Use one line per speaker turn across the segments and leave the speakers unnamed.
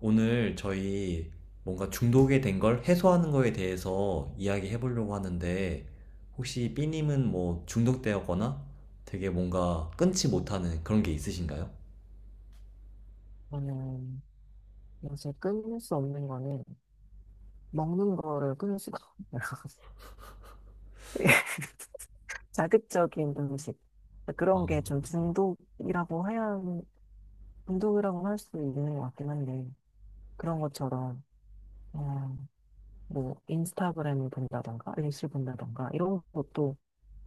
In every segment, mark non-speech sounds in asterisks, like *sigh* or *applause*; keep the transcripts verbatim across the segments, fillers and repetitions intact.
오늘 저희 뭔가 중독이 된 걸 해소하는 거에 대해서 이야기해 보려고 하는데, 혹시 B님은 뭐 중독되었거나 되게 뭔가 끊지 못하는 그런 게 있으신가요?
저는 요새 끊을 수 없는 거는 먹는 거를 끊을 수가 없어요. *laughs* 자극적인 음식. 그런 게 좀 중독이라고 해야, 중독이라고 할 수 있는 것 같긴 한데, 그런 것처럼, 어, 뭐, 인스타그램을 본다던가, 릴스 본다던가, 이런 것도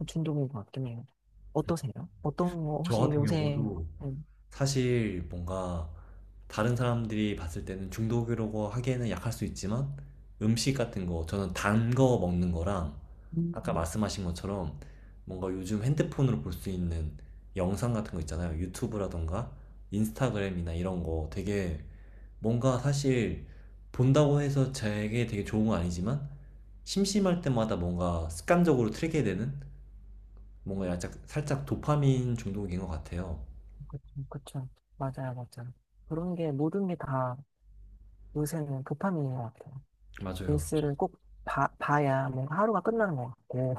중독인 것 같긴 해요. 어떠세요? 어떤 거,
저
혹시
같은
요새?
경우도
음.
사실 뭔가 다른 사람들이 봤을 때는 중독이라고 하기에는 약할 수 있지만 음식 같은 거, 저는 단 거 먹는 거랑 아까
음.
말씀하신 것처럼 뭔가 요즘 핸드폰으로 볼 수 있는 영상 같은 거 있잖아요. 유튜브라던가 인스타그램이나 이런 거 되게 뭔가 사실 본다고 해서 제게 되게 좋은 건 아니지만 심심할 때마다 뭔가 습관적으로 틀게 되는 뭔가 약간 살짝 도파민 중독인 것 같아요.
그쵸, 그쵸. 맞아요, 맞아요. 그런 게 모든 게 다 요새는 도파민인 것 같아요.
맞아요.
뉴스를 꼭 봐, 봐야 뭔가 하루가 끝나는 것 같고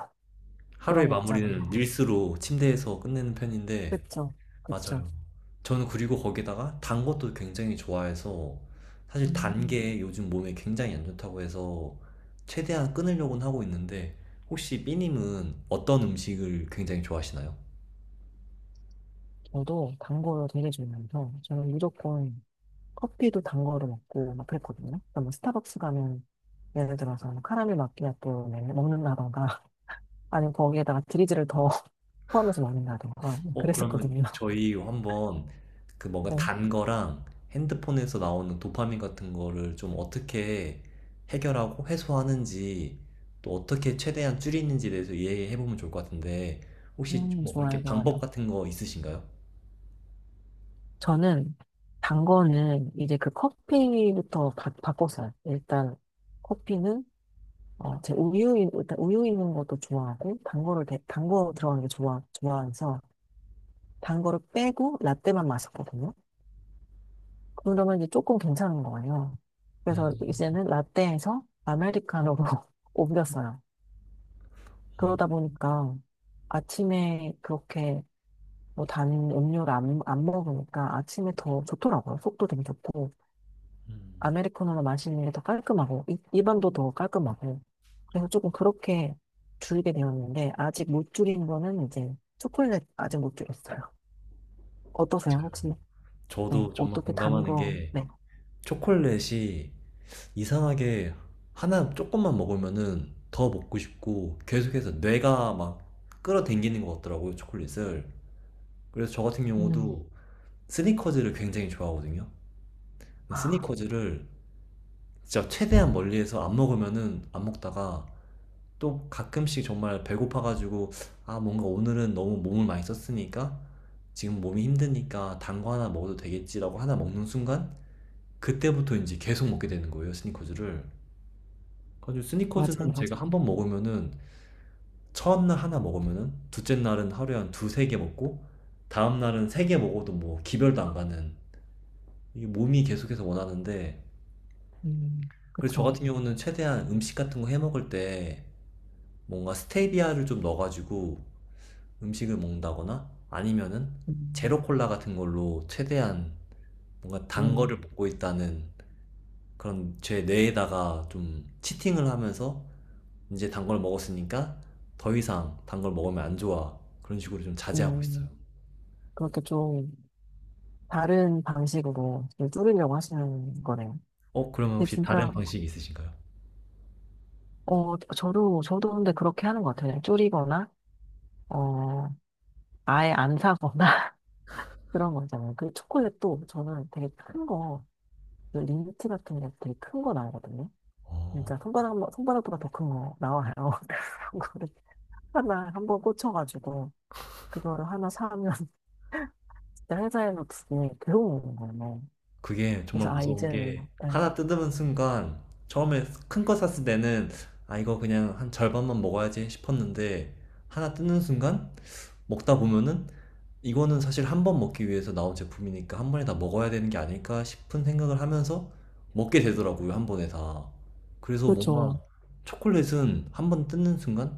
하루의
그런 게 있잖아요.
마무리는 릴스로 침대에서 끝내는 편인데,
그쵸, 그쵸.
맞아요. 저는 그리고 거기다가 단 것도 굉장히 좋아해서, 사실
음,
단 게 요즘 몸에 굉장히 안 좋다고 해서, 최대한 끊으려고는 하고 있는데, 혹시 삐님은 어떤 음식을 굉장히 좋아하시나요?
저도 단 거를 되게 좋아해서 저는 무조건 커피도 단 거를 먹고 막 그랬거든요. 그러니까 뭐 스타벅스 가면 예를 들어서 뭐 카라멜 마키아또 먹는다던가 *laughs* 아니면 거기에다가 드리즈를 더 *laughs* 포함해서 먹는다던가 뭐
어, 그러면
그랬었거든요.
저희 한번 그 뭔가
네.
단 거랑 핸드폰에서 나오는 도파민 같은 거를 좀 어떻게 해결하고 해소하는지 또 어떻게 최대한 줄이는지에 대해서 이해해 보면 좋을 것 같은데 혹시
음,
뭐
좋아요,
그렇게
좋아요.
방법 같은 거 있으신가요?
저는 단 거는 이제 그 커피부터 바, 꿨어요 일단. 커피는 어, 제 우유, 있- 일단 우유 있는 것도 좋아하고, 단 거를, 대- 단 거 들어가는 게 좋아, 좋아해서, 단 거를 빼고, 라떼만 마셨거든요. 그러면 이제 조금 괜찮은 거예요.
음,
그래서 이제는 라떼에서 아메리카노로 *laughs* 옮겼어요.
음,
그러다 보니까 아침에 그렇게 뭐 단 음료를 안, 안 먹으니까 아침에 더 좋더라고요. 속도 되게 좋고.
음.
아메리카노를 마시는 게 더 깔끔하고, 이- 입안도 더 깔끔하고. 그래서 조금 그렇게 줄이게 되었는데, 아직 못 줄인 거는 이제 초콜릿 아직 못 줄였어요. 어떠세요, 혹시? 네,
저도 정말
어떻게 단
공감하는
거,
게
네.
초콜릿이 이상하게 하나 조금만 먹으면은 더 먹고 싶고 계속해서 뇌가 막 끌어당기는 것 같더라고요, 초콜릿을. 그래서 저 같은
음,
경우도 스니커즈를 굉장히 좋아하거든요. 근데
아,
스니커즈를 진짜 최대한 멀리에서 안 먹으면은 안 먹다가 또 가끔씩 정말 배고파가지고 아, 뭔가 오늘은 너무 몸을 많이 썼으니까 지금 몸이 힘드니까 단거 하나 먹어도 되겠지라고 하나 먹는 순간 그때부터 이제 계속 먹게 되는 거예요, 스니커즈를. 그래서
맞아요,
스니커즈는 제가
맞아요.
한번 먹으면은 첫날 하나 먹으면은 둘째 날은 하루에 한 두세 개 먹고 다음 날은 세개 먹어도 뭐 기별도 안 가는, 이게 몸이 계속해서 원하는데,
음,
그래서 저
그쵸.
같은 경우는 최대한 음식 같은 거 해 먹을 때 뭔가 스테비아를 좀 넣어가지고 음식을 먹는다거나 아니면은
음,
제로 콜라 같은 걸로 최대한 뭔가 단
음,
거를 먹고 있다는 그런 제 뇌에다가 좀 치팅을 하면서 이제 단 걸 먹었으니까 더 이상 단 걸 먹으면 안 좋아 그런 식으로 좀 자제하고 있어요.
음, 그렇게 좀 다른 방식으로 좀 줄이려고 하시는 거네요.
어, 그러면
근데
혹시 다른
진짜,
방식이 있으신가요?
어, 저도, 저도 근데 그렇게 하는 것 같아요. 그냥 줄이거나, 어, 아예 안 사거나, 그런 거 있잖아요. 그 초콜릿도 저는 되게 큰 거, 그 린트 같은 게 되게 큰 거 나오거든요.
어.
진짜 손바닥, 손바닥보다 더 큰 거 나와요. *laughs* 그런 거를 하나, 한번 꽂혀가지고, 그거를 하나 사면 *laughs* 진짜 회사에서 되게 괴로 먹는 거예요.
그게 정말
그래서, 아,
무서운
이제는,
게
네.
하나 뜯으면 순간, 처음에 큰 거 샀을 때는 아, 이거 그냥 한 절반만 먹어야지 싶었는데 하나 뜯는 순간 먹다 보면은 이거는 사실 한 번 먹기 위해서 나온 제품이니까 한 번에 다 먹어야 되는 게 아닐까 싶은 생각을 하면서 먹게 되더라고요, 한 번에 다. 그래서 뭔가
그렇죠.
초콜릿은 한 번 뜯는 순간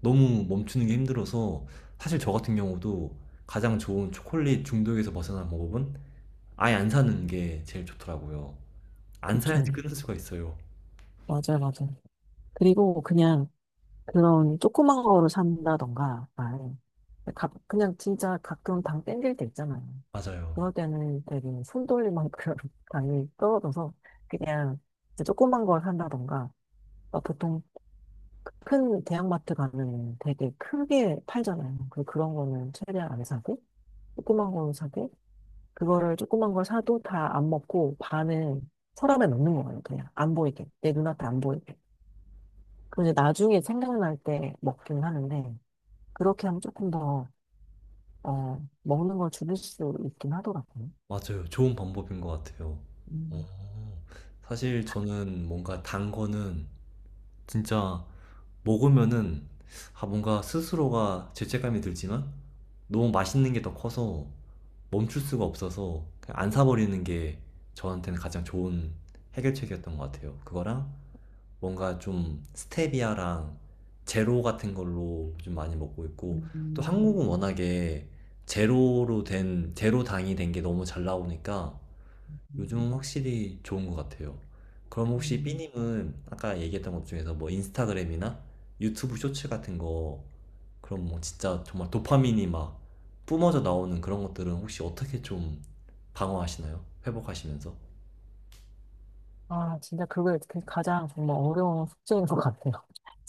너무 멈추는 게 힘들어서 사실 저 같은 경우도 가장 좋은 초콜릿 중독에서 벗어난 방법은 아예 안 사는 게 제일 좋더라고요. 안
그렇죠.
사야지 끊을 수가 있어요.
맞아요, 맞아요. 그리고 그냥 그런 조그만 거를 산다던가, 아, 가- 그냥 진짜 가끔 당 땡길 때 있잖아요.
맞아요.
그럴 때는 되게 손 돌릴 만큼 *laughs* 당이 떨어져서 그냥 이제 조그만 걸 산다던가 막 보통 큰 대형마트 가면 되게 크게 팔잖아요. 그 그런 거는 최대한 안 사고 조그만 걸로 사고 그거를 조그만 걸 사도 다 안 먹고 반은 서랍에 넣는 거예요. 그냥 안 보이게 내 눈앞에 안 보이게. 그리고 이제 나중에 생각날 때 먹긴 하는데 그렇게 하면 조금 더 어, 먹는 걸 줄일 수 있긴 하더라고요.
맞아요. 좋은 방법인 것 같아요.
음.
어. 사실 저는 뭔가 단 거는 진짜 먹으면은 아, 뭔가 스스로가 죄책감이 들지만 너무 맛있는 게 더 커서 멈출 수가 없어서 그냥 안 사버리는 게 저한테는 가장 좋은 해결책이었던 것 같아요. 그거랑 뭔가 좀 스테비아랑 제로 같은 걸로 좀 많이 먹고 있고, 또
음.
한국은 워낙에 제로로 된 제로 당이 된 게 너무 잘 나오니까
음.
요즘은 확실히 좋은 것 같아요. 그럼 혹시
음.
삐님은 아까 얘기했던 것 중에서 뭐 인스타그램이나 유튜브 쇼츠 같은 거, 그럼 뭐 진짜 정말 도파민이 막 뿜어져 나오는 그런 것들은 혹시 어떻게 좀 방어하시나요? 회복하시면서?
아, 진짜 그게 그 가장 정말 어려운 숙제인 것 같아요.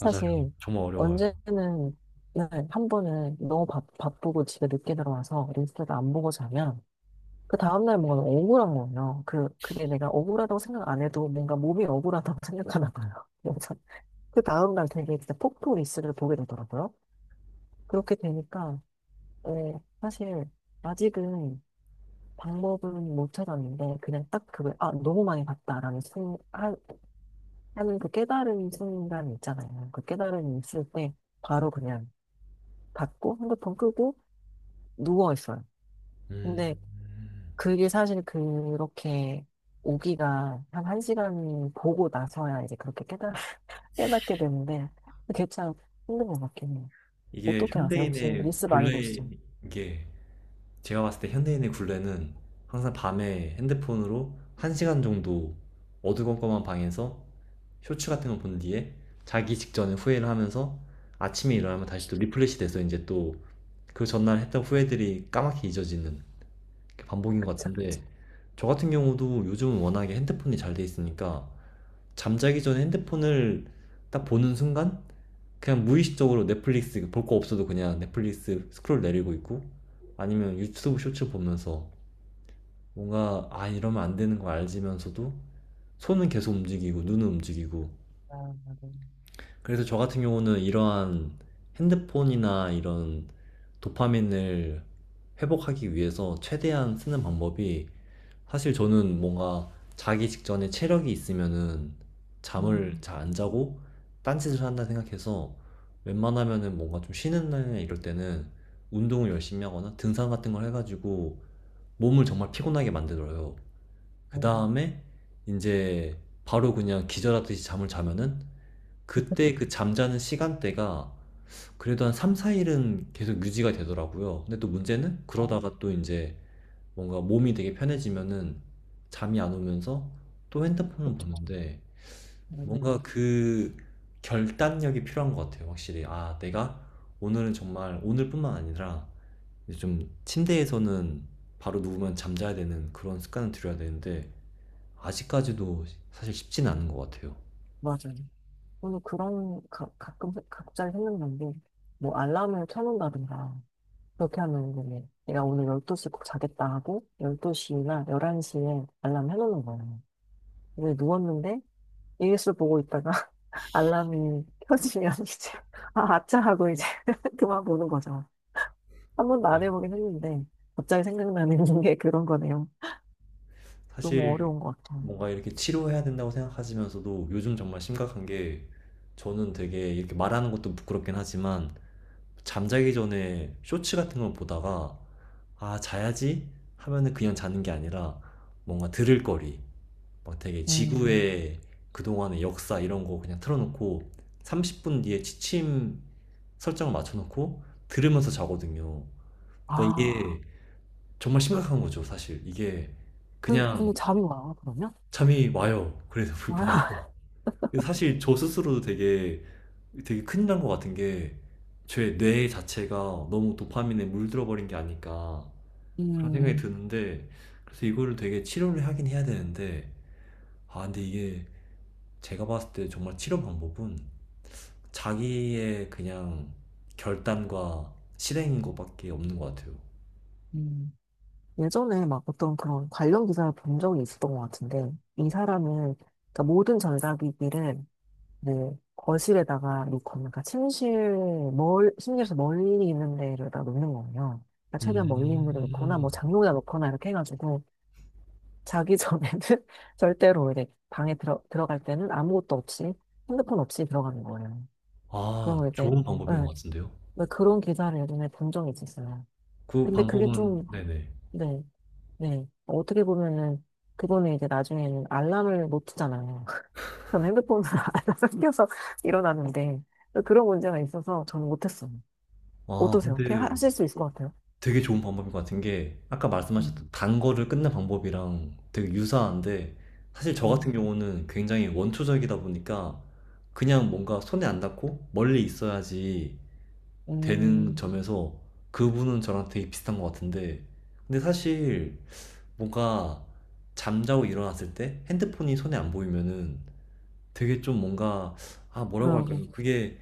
맞아요. 정말 어려워요.
언제는, 네, 한 번은 너무 바, 바쁘고 집에 늦게 들어와서 리스를 안 보고 자면, 그 다음날 뭔가 너무 억울한 거예요. 그, 그게 내가 억울하다고 생각 안 해도 뭔가 몸이 억울하다고 *laughs* 생각하나 봐요. 그래서 그 다음날 되게 진짜 폭포 리스를 보게 되더라고요. 그렇게 되니까, 어, 사실, 아직은 방법은 못 찾았는데, 그냥 딱 그걸, 아, 너무 많이 봤다라는 하는 그 깨달은 순간 있잖아요. 그 깨달음이 있을 때 바로 그냥 닫고 핸드폰 끄고 누워 있어요.
음.
근데 그게 사실 그렇게 오기가 한 한 시간 보고 나서야 이제 그렇게 깨달, *laughs* 깨닫게 되는데 그게 참 힘든 것 같긴 해요.
이게
어떻게 아세요? 혹시
현대인의
뉴스 많이
굴레,
보시죠?
이게 제가 봤을 때 현대인의 굴레는 항상 밤에 핸드폰으로 한시간 정도 어두컴컴한 방에서 쇼츠 같은 거 본 뒤에 자기 직전에 후회를 하면서 아침에 일어나면 다시 또 리플레시 돼서 이제 또 그 전날 했던 후회들이 까맣게 잊어지는 그 반복인 것
그쵸, 그쵸.
같은데, 저 같은 경우도 요즘은 워낙에 핸드폰이 잘 돼 있으니까 잠자기 전에 핸드폰을 딱 보는 순간 그냥 무의식적으로 넷플릭스 볼 거 없어도 그냥 넷플릭스 스크롤 내리고 있고, 아니면 유튜브 쇼츠 보면서 뭔가 아, 이러면 안 되는 거 알지면서도 손은 계속 움직이고 눈은 움직이고.
아, 맞아요.
그래서 저 같은 경우는 이러한 핸드폰이나 이런 도파민을 회복하기 위해서 최대한 쓰는 방법이, 사실 저는 뭔가 자기 직전에 체력이 있으면은 잠을
음,
잘 안 자고 딴짓을 한다 생각해서 웬만하면은 뭔가 좀 쉬는 날이나 이럴 때는 운동을 열심히 하거나 등산 같은 걸 해가지고 몸을 정말 피곤하게 만들어요. 그
어,
다음에 이제 바로 그냥 기절하듯이 잠을 자면은 그때 그 잠자는 시간대가 그래도 한 삼, 사 일은 계속 유지가 되더라고요. 근데 또 문제는
어,
그러다가 또 이제 뭔가 몸이 되게 편해지면은 잠이 안 오면서 또 핸드폰을
그쵸.
보는데, 뭔가
음,
그 결단력이 필요한 것 같아요, 확실히. 아, 내가 오늘은 정말, 오늘뿐만 아니라 이제 좀 침대에서는 바로 누우면 잠자야 되는 그런 습관을 들여야 되는데 아직까지도 사실 쉽지는 않은 것 같아요.
맞아요. 오늘 그런 가, 가끔 갑자기 생각난 게 뭐 알람을 켜놓는다든가 그렇게 하면 되네. 내가 오늘 열두 시 꼭 자겠다 하고, 열두 시나 열한 시에 알람 해놓는 거예요. 근데 누웠는데, 일기수 보고 있다가 *laughs* 알람이 켜지면 *laughs* 이제, 아, 아차 하고 이제 *laughs* 그만 보는 거죠. 한 번도
네.
안 해보긴 했는데, 갑자기 생각나는 *laughs* 게 그런 거네요. 너무
사실
어려운 것 같아요.
뭔가 이렇게 치료해야 된다고 생각하시면서도 요즘 정말 심각한 게, 저는 되게 이렇게 말하는 것도 부끄럽긴 하지만 잠자기 전에 쇼츠 같은 걸 보다가 아, 자야지 하면은 그냥 자는 게 아니라 뭔가 들을 거리, 막 되게
음,
지구의 그동안의 역사 이런 거 그냥 틀어놓고 삼십 분 뒤에 취침 설정을 맞춰놓고 들으면서 자거든요. 그러니까
아,
이게 정말 심각한 거죠, 사실. 이게
근-
그냥
근데 잠이 와, 그러면?
잠이 와요. 그래도
와요?
불구하고.
*laughs*
사실 저 스스로도 되게 되게 큰일 난 것 같은 게 제 뇌 자체가 너무 도파민에 물들어 버린 게 아닐까 그런 생각이
음.
드는데, 그래서 이거를 되게 치료를 하긴 해야 되는데 아, 근데 이게 제가 봤을 때 정말 치료 방법은 자기의 그냥 결단과 실행인 것밖에 없는 것 같아요.
음. 예전에 막 어떤 그런 관련 기사를 본 적이 있었던 것 같은데, 이 사람은, 그러니까 모든 전자기기를 뭐 거실에다가 놓고, 그러니까 침실, 멀, 침실에서 멀리 있는 데에다 놓는 거예요. 그러니까 최대한 멀리 있는 데 놓거나, 뭐
음.
장롱에다 놓거나 이렇게 해가지고, 자기 전에는 *laughs* 절대로 이제 방에 들어, 들어갈 때는 아무것도 없이, 핸드폰 없이 들어가는 거예요. 그런
아,
거 이제,
좋은 방법인 것 같은데요?
네, 그런 기사를 예전에 본 적이 있었어요.
그
근데 그게
방법은,
좀,
네네.
네. 네. 어떻게 보면은 그분은 이제 나중에는 알람을 못 트잖아요. *laughs* 저는 핸드폰으로 *laughs* 알람을 켜서 일어나는데 그런 문제가 있어서 저는 못했어요.
아,
어떠세요? 이렇게 하-
근데
하실 수 있을 것 같아요.
되게 좋은 방법인 것 같은 게 아까
음,
말씀하셨던 단 거를 끊는 방법이랑 되게 유사한데, 사실 저
네.
같은 경우는 굉장히 원초적이다 보니까 그냥 뭔가 손에 안 닿고 멀리 있어야지 되는
음,
점에서 그분은 저랑 되게 비슷한 것 같은데, 근데 사실 뭔가 잠자고 일어났을 때 핸드폰이 손에 안 보이면은 되게 좀 뭔가, 아, 뭐라고
그러게.
할까요? 그게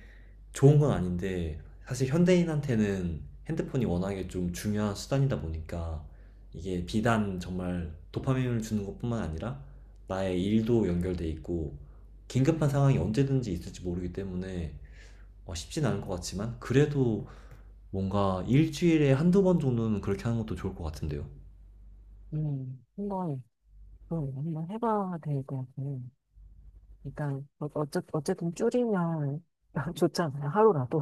좋은 건 아닌데 사실 현대인한테는 핸드폰이 워낙에 좀 중요한 수단이다 보니까 이게 비단 정말 도파민을 주는 것뿐만 아니라 나의 일도 연결돼 있고 긴급한 상황이 언제든지 있을지 모르기 때문에 어, 쉽진 않을 것 같지만 그래도 뭔가 일주일에 한두 번 정도는 그렇게 하는 것도 좋을 것 같은데요.
음, 한번, 그럼 한번 해봐야 될 것 같아요. 일단, 어- 어째, 어쨌든 줄이면 *laughs* 좋잖아요. 하루라도.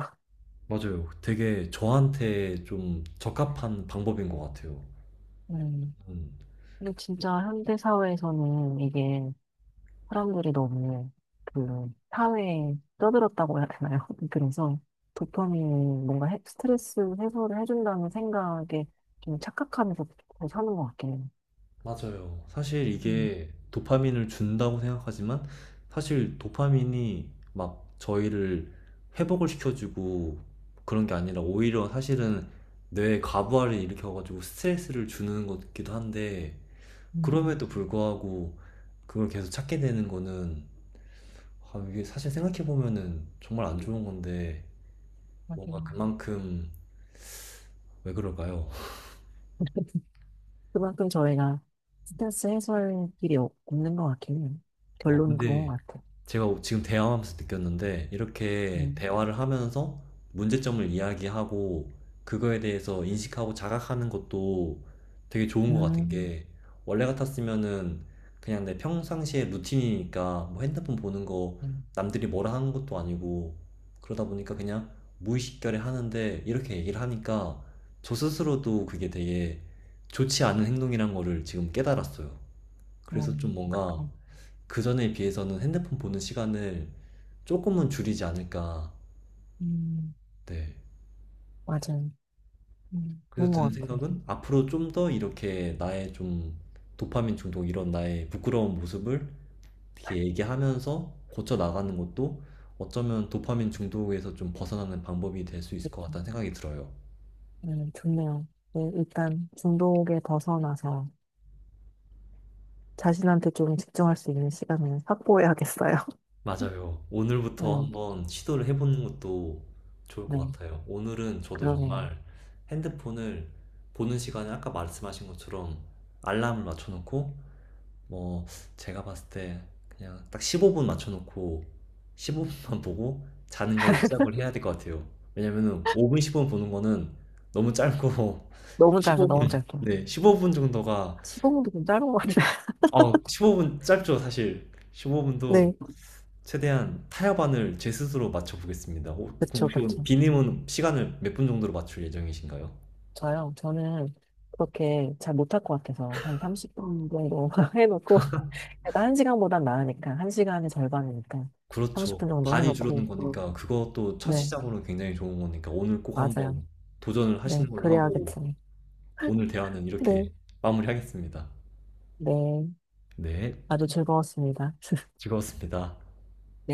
맞아요. 되게 저한테 좀 적합한 방법인 것 같아요.
음,
음.
근데 진짜 현대사회에서는 이게 사람들이 너무 그 사회에 떠들었다고 해야 되나요? *laughs* 그래서 도파민이 뭔가 해- 스트레스 해소를 해준다는 생각에 좀 착각하면서 잘 사는 것 같긴 해요.
맞아요. 사실
음,
이게 도파민을 준다고 생각하지만 사실 도파민이 막 저희를 회복을 시켜주고 그런 게 아니라 오히려 사실은 뇌에 과부하를 일으켜가지고 스트레스를 주는 것기도 한데,
음,
그럼에도 불구하고 그걸 계속 찾게 되는 거는, 아, 이게 사실 생각해보면은 정말 안 좋은 건데 뭔가
하긴.
그만큼, 왜 그럴까요?
그만큼 저희가 스트레스 해소할 길이 없- 없는 것 같긴 해요.
아,
결론은 그건
근데
것 같아요.
제가 지금 대화하면서 느꼈는데 이렇게
네.
대화를 하면서 문제점을 이야기하고 그거에 대해서 인식하고 자각하는 것도 되게 좋은 것 같은
음,
게, 원래 같았으면은 그냥 내 평상시의 루틴이니까 뭐 핸드폰 보는 거
네.
남들이 뭐라 하는 것도 아니고 그러다 보니까 그냥 무의식결에 하는데, 이렇게 얘기를 하니까 저 스스로도 그게 되게 좋지 않은 행동이란 거를 지금 깨달았어요. 그래서 좀
음,
뭔가
그쵸.
그전에 비해서는 핸드폰 보는 시간을 조금은 줄이지 않을까.
음,
네.
맞아요. 음,
그래서
좋은
드는 음.
것 같아요.
생각은 앞으로 좀 더 이렇게 나의 좀 도파민 중독 이런 나의 부끄러운 모습을 이렇게 얘기하면서 고쳐 나가는 것도 어쩌면 도파민 중독에서 좀 벗어나는 방법이 될 수 있을 것
그쵸.
같다는 생각이 들어요.
음, 좋네요. 네, 일단 중독에 벗어나서 자신한테 좀 집중할 수 있는 시간을 확보해야겠어요. *laughs*
맞아요.
네,
오늘부터 한번 시도를 해보는 것도 좋을 것
네,
같아요. 오늘은 저도
그러네요.
정말 핸드폰을 보는 시간에 아까 말씀하신 것처럼 알람을 맞춰놓고, 뭐 제가 봤을 때 그냥 딱 십오 분 맞춰놓고 십오 분만 보고 자는 걸 시작을
*laughs*
해야 될 것 같아요. 왜냐면은 오 분, 십 분 보는 거는 너무 짧고 *laughs*
너무 짧아, 너무
십오 분,
짧아.
네, 십오 분 정도가,
시공분도 좀 짧은 것 같아요. *laughs*
아, 십오 분 짧죠, 사실. 십오 분도
네,
최대한 타협안을 제 스스로 맞춰보겠습니다. 오, 그럼
그쵸,
혹시 오늘
그쵸.
비님은 시간을 몇 분 정도로 맞출 예정이신가요?
저요, 저는 그렇게 잘 못할 것 같아서 한 삼십 분 정도 *laughs* 해놓고, 그래도 한시간보단 나으니까, 한시간의 절반이니까
그렇죠.
삼십 분 정도
반이 줄어든
해놓고, 음,
거니까 그것도 첫
네,
시작으로 굉장히 좋은 거니까 오늘 꼭
맞아요.
한번 도전을
네,
하시는 걸로 하고
그래야겠죠.
오늘 대화는 이렇게
네,
마무리하겠습니다.
네,
네,
아주 즐거웠습니다. *laughs*
즐거웠습니다.
네.